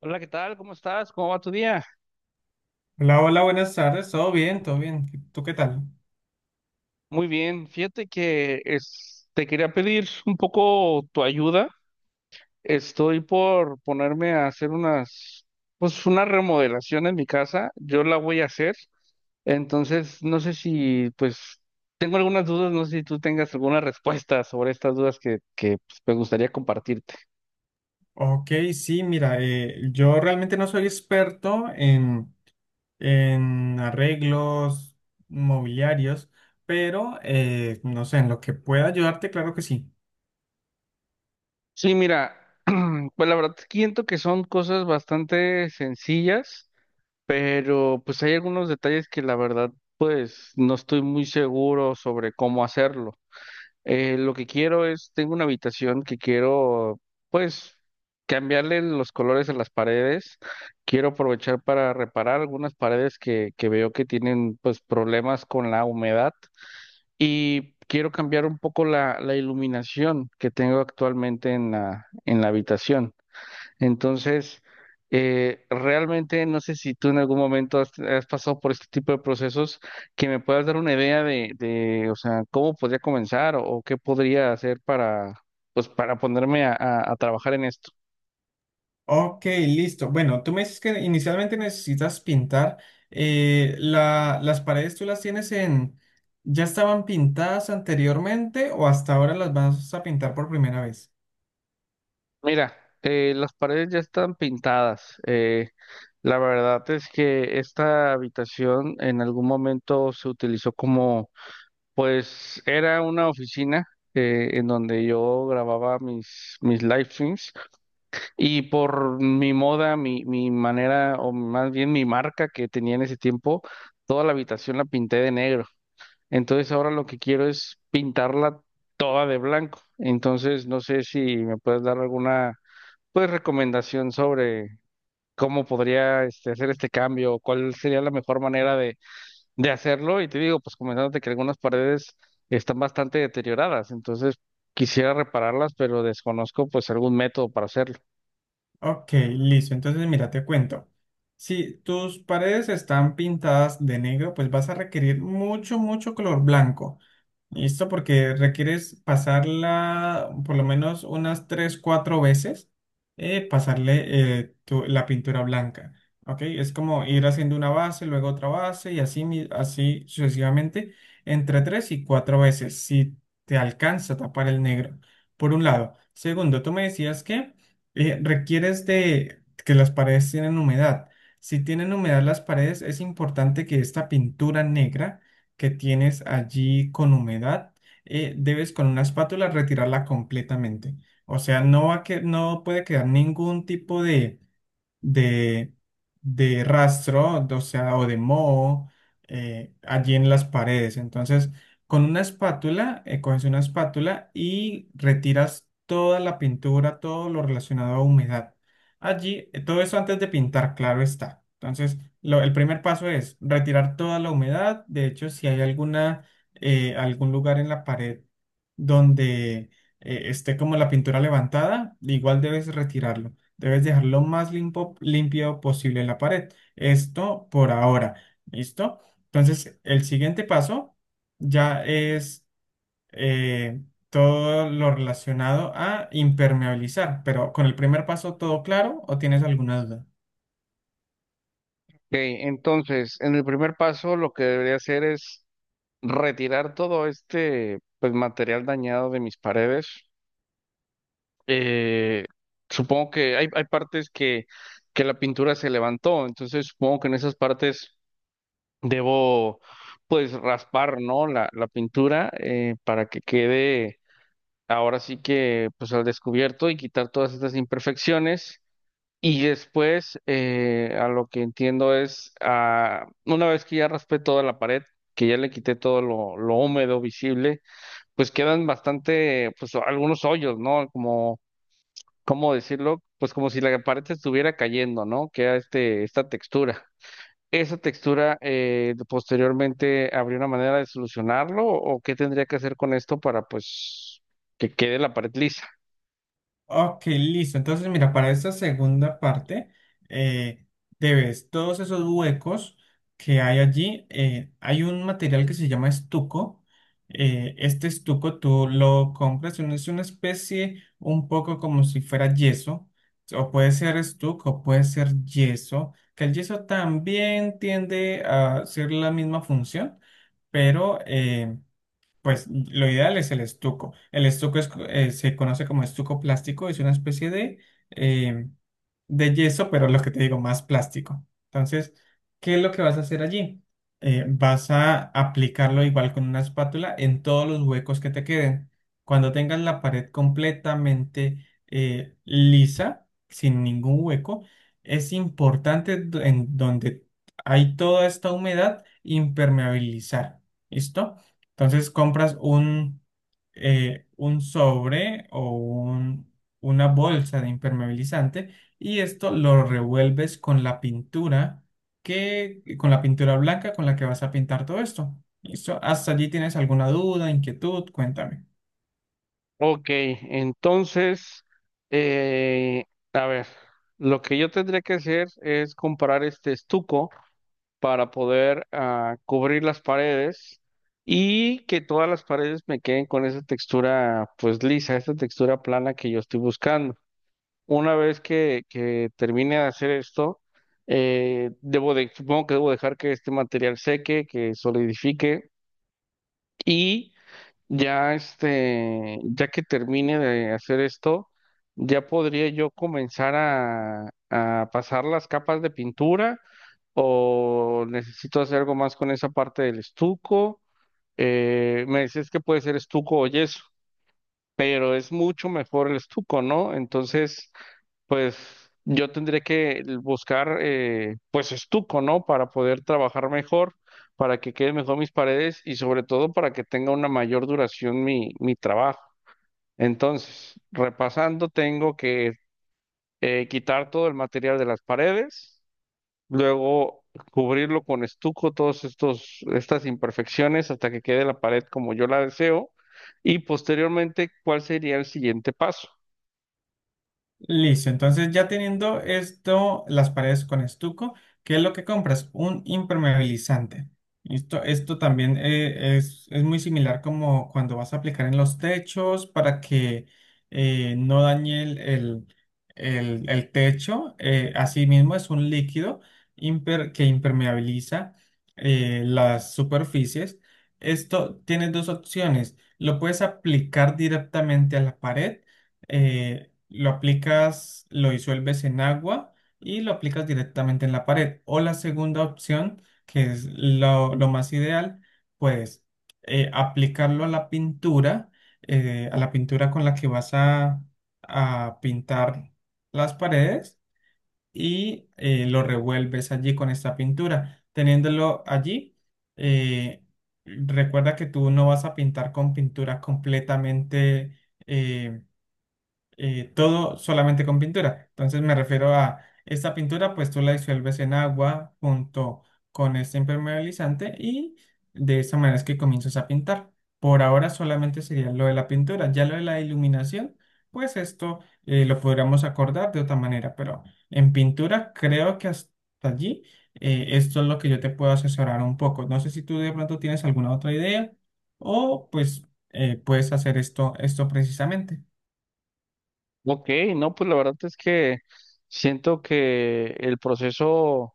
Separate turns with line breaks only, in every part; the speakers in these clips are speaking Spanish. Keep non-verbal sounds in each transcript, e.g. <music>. Hola, ¿qué tal? ¿Cómo estás? ¿Cómo va tu día?
Hola, hola, buenas tardes. ¿Todo bien? ¿Todo bien? ¿Tú qué tal?
Muy bien. Fíjate que te quería pedir un poco tu ayuda. Estoy por ponerme a hacer unas, pues una remodelación en mi casa. Yo la voy a hacer. Entonces, no sé si, pues, tengo algunas dudas, no sé si tú tengas alguna respuesta sobre estas dudas que pues, me gustaría compartirte.
Ok, sí, mira, yo realmente no soy experto en arreglos mobiliarios, pero no sé, en lo que pueda ayudarte, claro que sí.
Sí, mira, <clears throat> pues la verdad siento que son cosas bastante sencillas, pero pues hay algunos detalles que la verdad pues no estoy muy seguro sobre cómo hacerlo. Lo que quiero es, tengo una habitación que quiero pues cambiarle los colores a las paredes, quiero aprovechar para reparar algunas paredes que veo que tienen pues problemas con la humedad y quiero cambiar un poco la iluminación que tengo actualmente en la habitación. Entonces, realmente no sé si tú en algún momento has pasado por este tipo de procesos que me puedas dar una idea de, o sea, cómo podría comenzar o qué podría hacer para, pues, para ponerme a trabajar en esto.
Ok, listo. Bueno, tú me dices que inicialmente necesitas pintar. Las paredes tú las tienes en... ¿Ya estaban pintadas anteriormente o hasta ahora las vas a pintar por primera vez?
Mira, las paredes ya están pintadas. La verdad es que esta habitación en algún momento se utilizó como, pues, era una oficina, en donde yo grababa mis live streams. Y por mi moda, mi manera, o más bien mi marca que tenía en ese tiempo, toda la habitación la pinté de negro. Entonces ahora lo que quiero es pintarla toda de blanco. Entonces no sé si me puedes dar alguna, pues, recomendación sobre cómo podría este, hacer este cambio, o cuál sería la mejor manera de hacerlo. Y te digo, pues comentándote que algunas paredes están bastante deterioradas, entonces quisiera repararlas, pero desconozco pues algún método para hacerlo.
Ok, listo. Entonces, mira, te cuento. Si tus paredes están pintadas de negro, pues vas a requerir mucho, mucho color blanco. Listo, porque requieres pasarla por lo menos unas 3 4 veces, pasarle la pintura blanca. ¿Ok? Es como ir haciendo una base, luego otra base y así, así sucesivamente, entre 3 y 4 veces, si te alcanza a tapar el negro, por un lado. Segundo, tú me decías que requieres de que las paredes tienen humedad. Si tienen humedad las paredes, es importante que esta pintura negra que tienes allí con humedad, debes con una espátula retirarla completamente. O sea, no puede quedar ningún tipo de, de, de rastro, o sea, o de moho allí en las paredes. Entonces, con una espátula, coges una espátula y retiras toda la pintura, todo lo relacionado a humedad. Allí, todo eso antes de pintar, claro está. Entonces, el primer paso es retirar toda la humedad. De hecho, si hay alguna, algún lugar en la pared donde esté como la pintura levantada, igual debes retirarlo. Debes dejar lo más limpio posible la pared. Esto por ahora. ¿Listo? Entonces, el siguiente paso ya es eh, todo lo relacionado a impermeabilizar. Pero con el primer paso, ¿todo claro o tienes alguna duda?
Ok, entonces, en el primer paso, lo que debería hacer es retirar todo este pues, material dañado de mis paredes. Eh, Supongo que hay partes que la pintura se levantó, entonces supongo que en esas partes debo pues raspar, ¿no? La pintura para que quede ahora sí que pues al descubierto y quitar todas estas imperfecciones. Y después, a lo que entiendo es, ah, una vez que ya raspé toda la pared, que ya le quité todo lo húmedo visible, pues quedan bastante, pues algunos hoyos, ¿no? Como, ¿cómo decirlo? Pues como si la pared se estuviera cayendo, ¿no? Queda este, esta textura. ¿Esa textura, posteriormente habría una manera de solucionarlo, o qué tendría que hacer con esto para pues que quede la pared lisa?
Ok, listo. Entonces, mira, para esta segunda parte, eh, debes todos esos huecos que hay allí. Hay un material que se llama estuco. Este estuco tú lo compras, es una especie un poco como si fuera yeso. O puede ser estuco, o puede ser yeso. Que el yeso también tiende a ser la misma función, pero... pues lo ideal es el estuco. El estuco es, se conoce como estuco plástico, es una especie eh, de yeso, pero lo que te digo, más plástico. Entonces, ¿qué es lo que vas a hacer allí? Vas a aplicarlo igual con una espátula en todos los huecos que te queden. Cuando tengas la pared completamente lisa, sin ningún hueco, es importante en donde hay toda esta humedad impermeabilizar. ¿Listo? Entonces compras un sobre o un- una bolsa de impermeabilizante y esto lo revuelves con la pintura con la pintura blanca con la que vas a pintar todo esto. ¿Listo? ¿Hasta allí tienes alguna duda, inquietud? Cuéntame.
Ok, entonces, eh, a ver, lo que yo tendría que hacer es comprar este estuco para poder, ah, cubrir las paredes y que todas las paredes me queden con esa textura pues lisa, esa textura plana que yo estoy buscando. Una vez que termine de hacer esto, debo de, supongo que debo dejar que este material seque, que solidifique, y ya este, ya que termine de hacer esto, ya podría yo comenzar a pasar las capas de pintura, o necesito hacer algo más con esa parte del estuco. Me decías que puede ser estuco o yeso, pero es mucho mejor el estuco, ¿no? Entonces, pues yo tendré que buscar, pues estuco, ¿no? Para poder trabajar mejor, para que queden mejor mis paredes y sobre todo para que tenga una mayor duración mi trabajo. Entonces, repasando, tengo que quitar todo el material de las paredes, luego cubrirlo con estuco, todos estos, estas imperfecciones hasta que quede la pared como yo la deseo, y posteriormente, ¿cuál sería el siguiente paso?
Listo, entonces ya teniendo esto, las paredes con estuco, ¿qué es lo que compras? Un impermeabilizante. Listo, esto también es muy similar como cuando vas a aplicar en los techos para que no dañe el techo. Asimismo, es un líquido que impermeabiliza las superficies. Esto tiene dos opciones. Lo puedes aplicar directamente a la pared lo aplicas, lo disuelves en agua y lo aplicas directamente en la pared. O la segunda opción, que es lo más ideal, pues aplicarlo a la pintura con la que vas a pintar las paredes y lo revuelves allí con esta pintura. Teniéndolo allí, eh, recuerda que tú no vas a pintar con pintura completamente... eh, todo solamente con pintura. Entonces me refiero a esta pintura, pues tú la disuelves en agua junto con este impermeabilizante y de esa manera es que comienzas a pintar. Por ahora solamente sería lo de la pintura, ya lo de la iluminación, pues esto lo podríamos acordar de otra manera, pero en pintura creo que hasta allí esto es lo que yo te puedo asesorar un poco. No sé si tú de pronto tienes alguna otra idea o pues puedes hacer esto, esto precisamente.
Ok, no, pues la verdad es que siento que el proceso,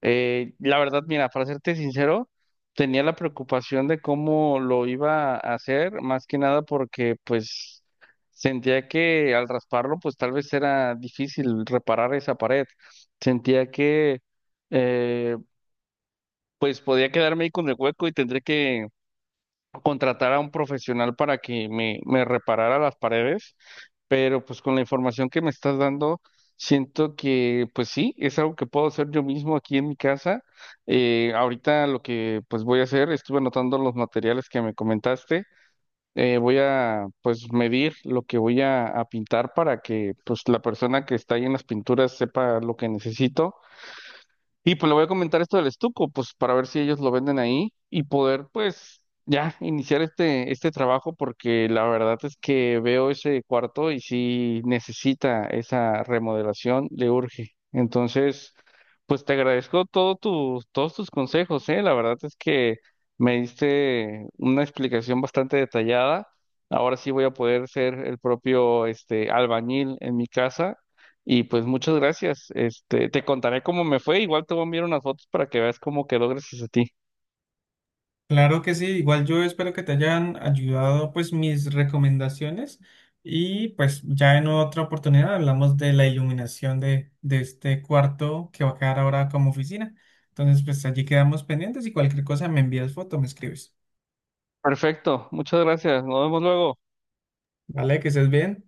la verdad, mira, para serte sincero, tenía la preocupación de cómo lo iba a hacer, más que nada porque pues sentía que al rasparlo, pues tal vez era difícil reparar esa pared. Sentía que, eh, pues podía quedarme ahí con el hueco y tendría que contratar a un profesional para que me reparara las paredes, pero pues con la información que me estás dando, siento que pues sí, es algo que puedo hacer yo mismo aquí en mi casa. Ahorita lo que pues voy a hacer, estuve anotando los materiales que me comentaste, voy a pues medir lo que voy a pintar para que pues la persona que está ahí en las pinturas sepa lo que necesito. Y pues le voy a comentar esto del estuco, pues para ver si ellos lo venden ahí y poder pues ya iniciar este, este trabajo porque la verdad es que veo ese cuarto y si necesita esa remodelación, le urge. Entonces, pues te agradezco todo tu, todos tus consejos, ¿eh? La verdad es que me diste una explicación bastante detallada. Ahora sí voy a poder ser el propio este, albañil en mi casa y pues muchas gracias. Este, te contaré cómo me fue. Igual te voy a enviar unas fotos para que veas cómo quedó gracias a ti.
Claro que sí, igual yo espero que te hayan ayudado pues mis recomendaciones y pues ya en otra oportunidad hablamos de la iluminación de este cuarto que va a quedar ahora como oficina. Entonces pues allí quedamos pendientes y cualquier cosa me envías foto, me escribes.
Perfecto, muchas gracias. Nos vemos luego.
Vale, que estés bien.